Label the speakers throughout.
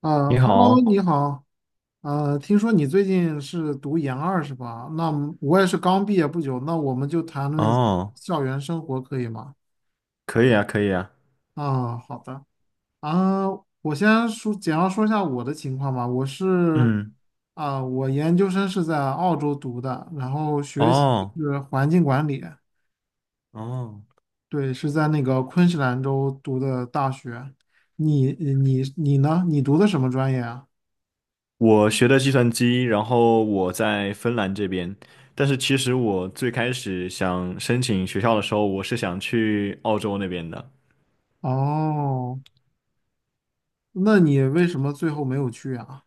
Speaker 1: 啊
Speaker 2: 你
Speaker 1: ，Hello，
Speaker 2: 好，
Speaker 1: 你好。听说你最近是读研二是吧？那么我也是刚毕业不久，那我们就谈论一下
Speaker 2: 哦，
Speaker 1: 校园生活可以吗？
Speaker 2: 可以啊，可以啊，
Speaker 1: 啊，好的。啊，我先说简要说一下我的情况吧。
Speaker 2: 嗯，
Speaker 1: 我研究生是在澳洲读的，然后学习
Speaker 2: 哦，
Speaker 1: 是环境管理，
Speaker 2: 哦，
Speaker 1: 对，是在那个昆士兰州读的大学。你呢？你读的什么专业啊？
Speaker 2: 我学的计算机，然后我在芬兰这边，但是其实我最开始想申请学校的时候，我是想去澳洲那边的。
Speaker 1: 哦。那你为什么最后没有去啊？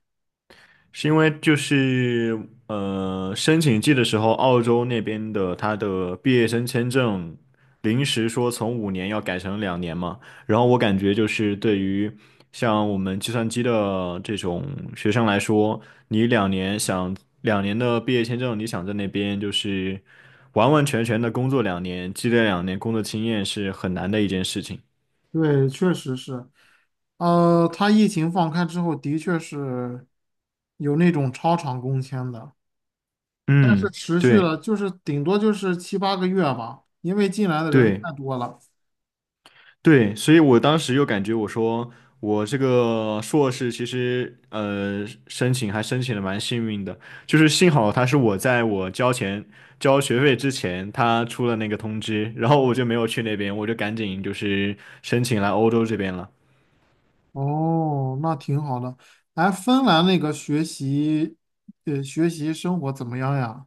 Speaker 2: 是因为就是申请季的时候，澳洲那边的他的毕业生签证临时说从5年要改成两年嘛。然后我感觉就是对于像我们计算机的这种学生来说，你两年想两年的毕业签证，你想在那边就是完完全全的工作两年，积累两年工作经验是很难的一件事情。
Speaker 1: 对，确实是，他疫情放开之后，的确是有那种超长工签的，是
Speaker 2: 嗯，
Speaker 1: 持续
Speaker 2: 对
Speaker 1: 了，就是顶多就是七八个月吧，因为进来的人
Speaker 2: 对。
Speaker 1: 太多了。
Speaker 2: 对，所以我当时又感觉我说我这个硕士其实申请还申请的蛮幸运的，就是幸好他是我在我交钱交学费之前他出了那个通知，然后我就没有去那边，我就赶紧就是申请来欧洲这边了。
Speaker 1: 哦，那挺好的。哎，芬兰那个学习生活怎么样呀？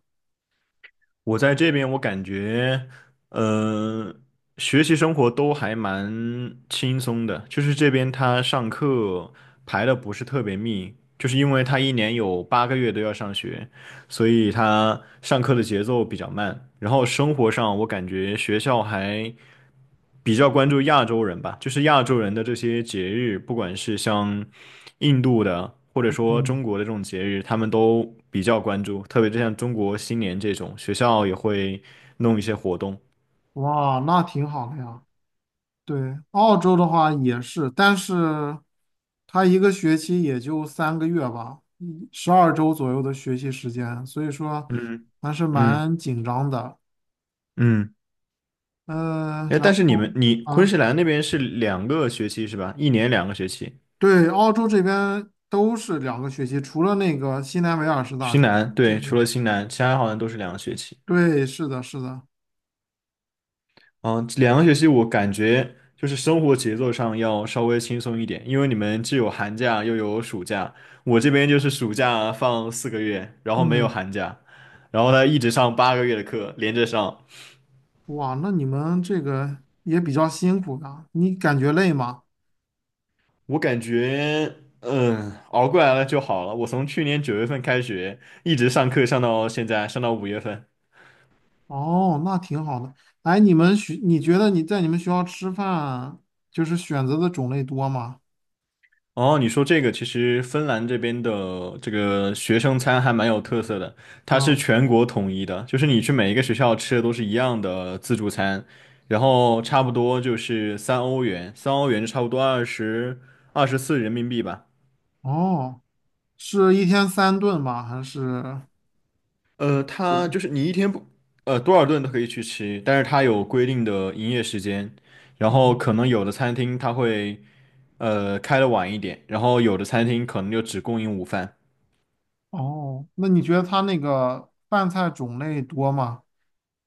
Speaker 2: 我在这边，我感觉，嗯，学习生活都还蛮轻松的。就是这边他上课排的不是特别密，就是因为他一年有八个月都要上学，所以他上课的节奏比较慢。然后生活上，我感觉学校还比较关注亚洲人吧，就是亚洲人的这些节日，不管是像印度的，或者说中国的这种节日，他们都比较关注，特别就像中国新年这种，学校也会弄一些活动。
Speaker 1: 哇，那挺好的呀。对，澳洲的话也是，但是它一个学期也就3个月吧，12周左右的学习时间，所以说
Speaker 2: 嗯
Speaker 1: 还是
Speaker 2: 嗯
Speaker 1: 蛮紧张的。
Speaker 2: 嗯，
Speaker 1: 嗯，
Speaker 2: 哎，
Speaker 1: 然
Speaker 2: 但是你
Speaker 1: 后。
Speaker 2: 们你昆
Speaker 1: 啊，
Speaker 2: 士兰那边是两个学期是吧？一年两个学期。
Speaker 1: 对，澳洲这边都是两个学期，除了那个新南威尔士大
Speaker 2: 新
Speaker 1: 学
Speaker 2: 南，对，
Speaker 1: 是，
Speaker 2: 除了新南，其他好像都是两个学期。
Speaker 1: 对，是的，是的，
Speaker 2: 嗯，这两个学期我感觉就是生活节奏上要稍微轻松一点，因为你们既有寒假又有暑假，我这边就是暑假放4个月，然后没有
Speaker 1: 嗯，
Speaker 2: 寒假，然后呢一直上八个月的课，连着上。
Speaker 1: 哇，那你们这个也比较辛苦的，你感觉累吗？
Speaker 2: 我感觉熬过来了就好了。我从去年九月份开学，一直上课上到现在，上到五月份。
Speaker 1: 哦，那挺好的。哎，你们学，你觉得你在你们学校吃饭，就是选择的种类多吗？
Speaker 2: 哦，你说这个其实芬兰这边的这个学生餐还蛮有特色的，它
Speaker 1: 嗯，
Speaker 2: 是全国统一的，就是你去每一个学校吃的都是一样的自助餐，然后差
Speaker 1: 好
Speaker 2: 不
Speaker 1: 的。
Speaker 2: 多就是三欧元，三欧元就差不多二十四人民币吧。
Speaker 1: 哦，是一天三顿吗？还是？
Speaker 2: 它就是你一天不呃多少顿都可以去吃，但是它有规定的营业时间，然后
Speaker 1: 哦。
Speaker 2: 可能有的餐厅它会开的晚一点，然后有的餐厅可能就只供应午饭。
Speaker 1: 哦，那你觉得他那个饭菜种类多吗？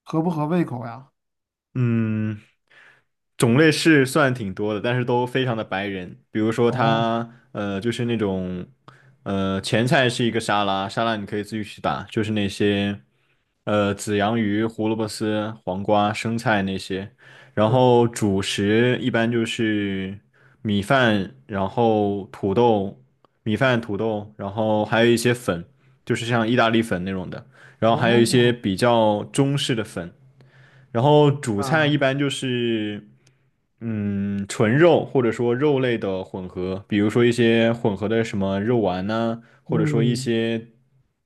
Speaker 1: 合不合胃口呀？
Speaker 2: 嗯，种类是算挺多的，但是都非常的白人。比如说
Speaker 1: 哦，
Speaker 2: 它，就是那种，前菜是一个沙拉，沙拉你可以自己去打，就是那些，紫洋芋、胡萝卜丝、黄瓜、生菜那些。然
Speaker 1: 对，
Speaker 2: 后主食一般就是米饭，然后土豆，米饭、土豆，然后还有一些粉，就是像意大利粉那种的，然后还有一些
Speaker 1: 哦，
Speaker 2: 比较中式的粉。然后主菜
Speaker 1: 啊，
Speaker 2: 一般就是，纯肉或者说肉类的混合，比如说一些混合的什么肉丸呐、或者说一
Speaker 1: 嗯，
Speaker 2: 些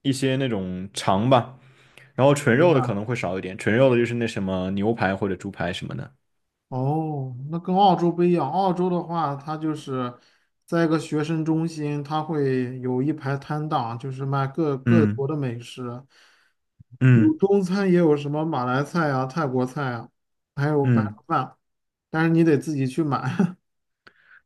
Speaker 2: 一些那种肠吧。然后纯
Speaker 1: 明
Speaker 2: 肉的可
Speaker 1: 白。
Speaker 2: 能会少一点，纯肉的就是那什么牛排或者猪排什么的。
Speaker 1: 哦，那跟澳洲不一样。澳洲的话，它就是在一个学生中心，它会有一排摊档，就是卖各各
Speaker 2: 嗯
Speaker 1: 国的美食，有
Speaker 2: 嗯
Speaker 1: 中餐，也有什么马来菜啊、泰国菜啊，还有白人
Speaker 2: 嗯。
Speaker 1: 饭，但是你得自己去买。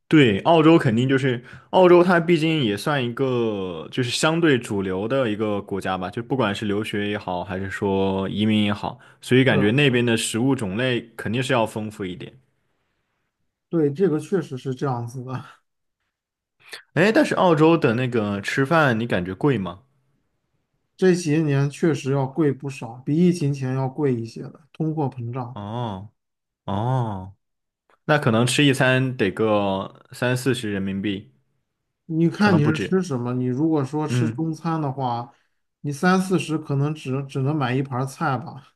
Speaker 2: 对，澳洲肯定就是澳洲，它毕竟也算一个就是相对主流的一个国家吧，就不管是留学也好，还是说移民也好，所以
Speaker 1: 是
Speaker 2: 感觉
Speaker 1: 啊
Speaker 2: 那
Speaker 1: 是啊，
Speaker 2: 边的食物种类肯定是要丰富一点。
Speaker 1: 对，这个确实是这样子的。
Speaker 2: 哎，但是澳洲的那个吃饭，你感觉贵吗？
Speaker 1: 这些年确实要贵不少，比疫情前要贵一些的，通货膨胀。
Speaker 2: 哦哦，那可能吃一餐得个三四十人民币，
Speaker 1: 你
Speaker 2: 可
Speaker 1: 看
Speaker 2: 能
Speaker 1: 你
Speaker 2: 不
Speaker 1: 是吃
Speaker 2: 止。
Speaker 1: 什么？你如果说吃
Speaker 2: 嗯，
Speaker 1: 中餐的话，你三四十可能只能买一盘儿菜吧，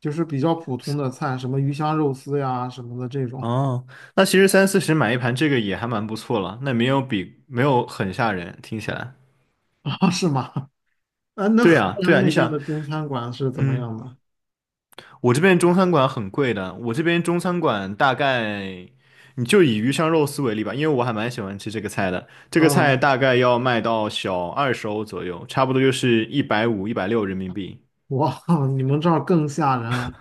Speaker 1: 就是比较普通的菜，什么鱼香肉丝呀什么的这种。
Speaker 2: 哦，那其实三四十买一盘这个也还蛮不错了，那没有很吓人，听起来。
Speaker 1: 啊，是吗？啊，那
Speaker 2: 对
Speaker 1: 河
Speaker 2: 啊，对
Speaker 1: 南
Speaker 2: 啊，
Speaker 1: 那
Speaker 2: 你
Speaker 1: 边
Speaker 2: 想，
Speaker 1: 的中餐馆是怎么
Speaker 2: 嗯，
Speaker 1: 样的？
Speaker 2: 我这边中餐馆很贵的，我这边中餐馆大概，你就以鱼香肉丝为例吧，因为我还蛮喜欢吃这个菜的。这个菜
Speaker 1: 嗯，
Speaker 2: 大概要卖到小20欧左右，差不多就是150、160人民币。
Speaker 1: 哇，你们这儿更吓人啊！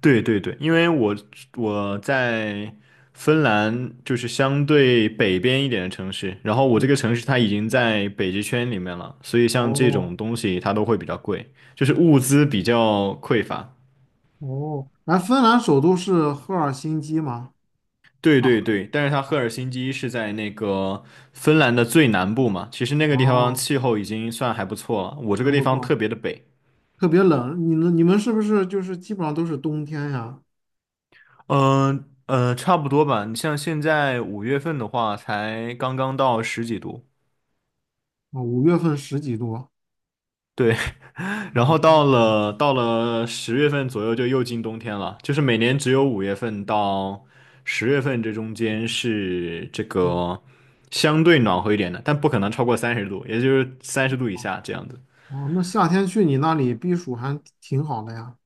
Speaker 2: 对对对，因为我在芬兰就是相对北边一点的城市，然后我这个城
Speaker 1: 嗯，
Speaker 2: 市它已经在北极圈里面了，所以像这
Speaker 1: 哦。
Speaker 2: 种东西它都会比较贵，就是物资比较匮乏。
Speaker 1: 哦，哎，芬兰首都是赫尔辛基吗？
Speaker 2: 对对
Speaker 1: 啊，
Speaker 2: 对，但是它赫尔辛基是在那个芬兰的最南部嘛，其实那个地方
Speaker 1: 哦，
Speaker 2: 气候已经算还不错了，我这
Speaker 1: 那
Speaker 2: 个地
Speaker 1: 不
Speaker 2: 方特
Speaker 1: 错，
Speaker 2: 别的北。
Speaker 1: 特别冷，你们是不是就是基本上都是冬天呀？
Speaker 2: 差不多吧。你像现在五月份的话，才刚刚到十几度，
Speaker 1: 啊，5月份十几度。
Speaker 2: 对，然后
Speaker 1: 哦，
Speaker 2: 到了十月份左右就又进冬天了，就是每年只有五月份到十月份这中间是这
Speaker 1: 嗯，
Speaker 2: 个相对暖和一点的，但不可能超过三十度，也就是三十度以下这样子。
Speaker 1: 哦，那夏天去你那里避暑还挺好的呀。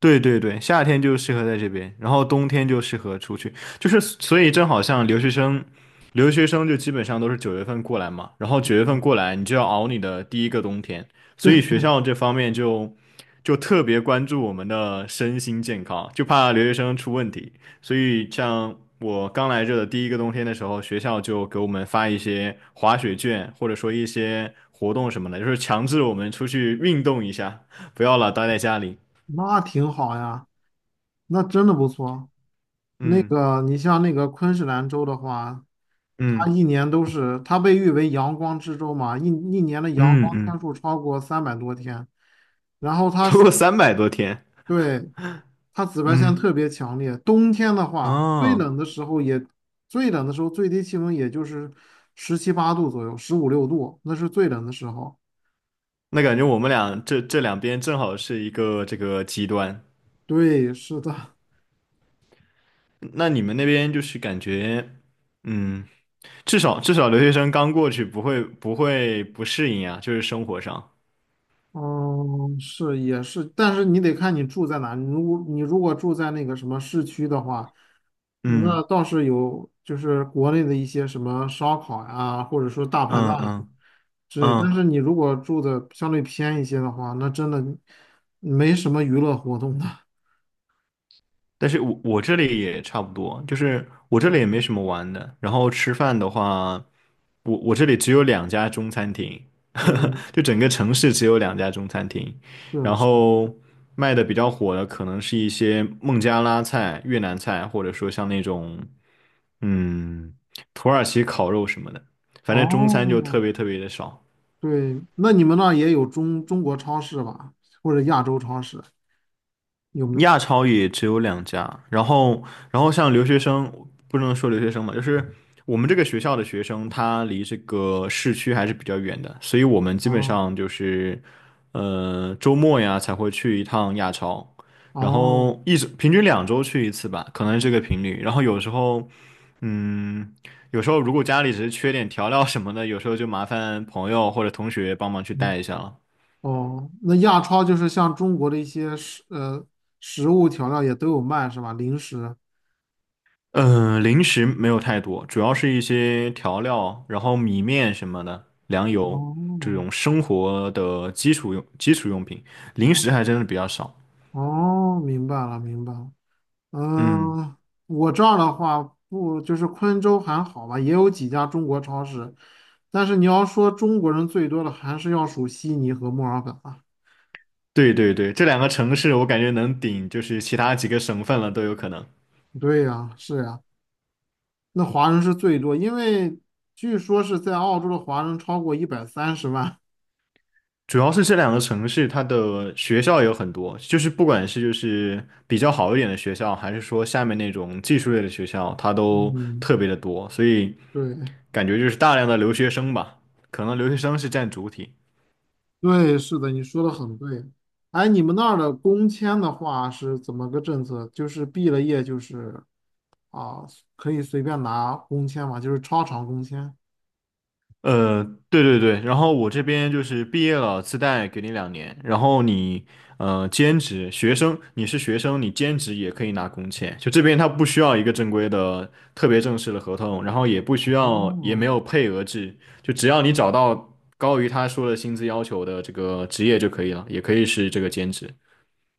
Speaker 2: 对对对，夏天就适合在这边，然后冬天就适合出去，就是所以正好像留学生，留学生就基本上都是九月份过来嘛，然后九月份过来你就要熬你的第一个冬天，所
Speaker 1: 对，
Speaker 2: 以学校这方面就特别关注我们的身心健康，就怕留学生出问题，所以像我刚来这的第一个冬天的时候，学校就给我们发一些滑雪券，或者说一些活动什么的，就是强制我们出去运动一下，不要老待在家里，
Speaker 1: 那挺好呀，那真的不错。那
Speaker 2: 嗯。
Speaker 1: 个，你像那个昆士兰州的话，它
Speaker 2: 嗯
Speaker 1: 一年都是，它被誉为阳光之州嘛，一年的阳
Speaker 2: 嗯
Speaker 1: 光天
Speaker 2: 嗯，
Speaker 1: 数超过300多天。然后它，
Speaker 2: 超过300多天，
Speaker 1: 对，它紫外线
Speaker 2: 嗯，
Speaker 1: 特别强烈，冬天的话，
Speaker 2: 哦，
Speaker 1: 最冷的时候最低气温也就是十七八度左右，十五六度，那是最冷的时候。
Speaker 2: 那感觉我们俩这两边正好是一个这个极端。
Speaker 1: 对，是的，
Speaker 2: 那你们那边就是感觉，嗯，至少留学生刚过去不会不适应啊，就是生活上，
Speaker 1: 嗯，是也是，但是你得看你住在哪。你如果住在那个什么市区的话，那
Speaker 2: 嗯
Speaker 1: 倒是有，就是国内的一些什么烧烤呀，或者说大排
Speaker 2: 嗯
Speaker 1: 档呀
Speaker 2: 嗯
Speaker 1: 之类。但是
Speaker 2: 嗯，
Speaker 1: 你如果住的相对偏一些的话，那真的没什么娱乐活动的。
Speaker 2: 但是我这里也差不多，就是我这里也
Speaker 1: 嗯
Speaker 2: 没什么玩的，然后吃饭的话，我这里只有两家中餐厅，
Speaker 1: 嗯，
Speaker 2: 就整个城市只有两家中餐厅，
Speaker 1: 是啊
Speaker 2: 然
Speaker 1: 是啊。
Speaker 2: 后卖的比较火的可能是一些孟加拉菜、越南菜，或者说像那种嗯土耳其烤肉什么的，反正中餐就特
Speaker 1: 哦，
Speaker 2: 别特别的少。
Speaker 1: 对，那你们那儿也有中国超市吧，或者亚洲超市有没有？
Speaker 2: 亚超也只有两家，然后像留学生，不能说留学生嘛，就是我们这个学校的学生，他离这个市区还是比较远的，所以我们基本
Speaker 1: 哦。
Speaker 2: 上就是，周末呀才会去一趟亚超，然
Speaker 1: 哦。
Speaker 2: 后一直平均2周去一次吧，可能是这个频率，然后有时候，嗯，有时候如果家里只是缺点调料什么的，有时候就麻烦朋友或者同学帮忙去
Speaker 1: 嗯。
Speaker 2: 带一下了。
Speaker 1: 哦，那亚超就是像中国的一些食物调料也都有卖是吧？零食。
Speaker 2: 嗯、零食没有太多，主要是一些调料，然后米面什么的，粮油这
Speaker 1: 哦，
Speaker 2: 种生活的基础用品，零
Speaker 1: 那。
Speaker 2: 食还真的比较少。
Speaker 1: 哦，明白了明白了。
Speaker 2: 嗯，
Speaker 1: 嗯，我这儿的话不就是昆州还好吧，也有几家中国超市，但是你要说中国人最多的还是要数悉尼和墨尔本啊。
Speaker 2: 对对对，这两个城市我感觉能顶就是其他几个省份了都有可能。
Speaker 1: 对呀，是呀，那华人是最多，因为据说是在澳洲的华人超过130万。
Speaker 2: 主要是这两个城市，它的学校有很多，就是不管是就是比较好一点的学校，还是说下面那种技术类的学校，它都
Speaker 1: 嗯，
Speaker 2: 特别的多，所以
Speaker 1: 对。
Speaker 2: 感觉就是大量的留学生吧，可能留学生是占主体。
Speaker 1: 对，是的，你说的很对。哎，你们那儿的工签的话是怎么个政策？就是毕了业就是啊，可以随便拿工签嘛，就是超长工签。
Speaker 2: 呃，对对对，然后我这边就是毕业了，自带给你两年，然后你兼职学生，你是学生，你兼职也可以拿工钱，就这边他不需要一个正规的特别正式的合同，然后也不需要也没
Speaker 1: 哦。
Speaker 2: 有配额制，就只要你找到高于他说的薪资要求的这个职业就可以了，也可以是这个兼职。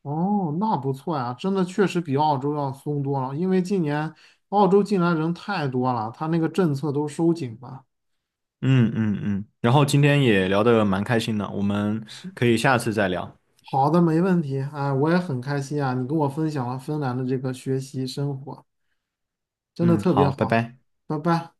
Speaker 1: 哦，那不错呀，真的确实比澳洲要松多了。因为今年澳洲进来人太多了，他那个政策都收紧了。
Speaker 2: 嗯嗯嗯，然后今天也聊的蛮开心的，我们
Speaker 1: 是，
Speaker 2: 可以下次再聊。
Speaker 1: 好的，没问题。哎，我也很开心啊，你跟我分享了芬兰的这个学习生活，真的
Speaker 2: 嗯，
Speaker 1: 特别
Speaker 2: 好，拜
Speaker 1: 好。
Speaker 2: 拜。
Speaker 1: 拜拜。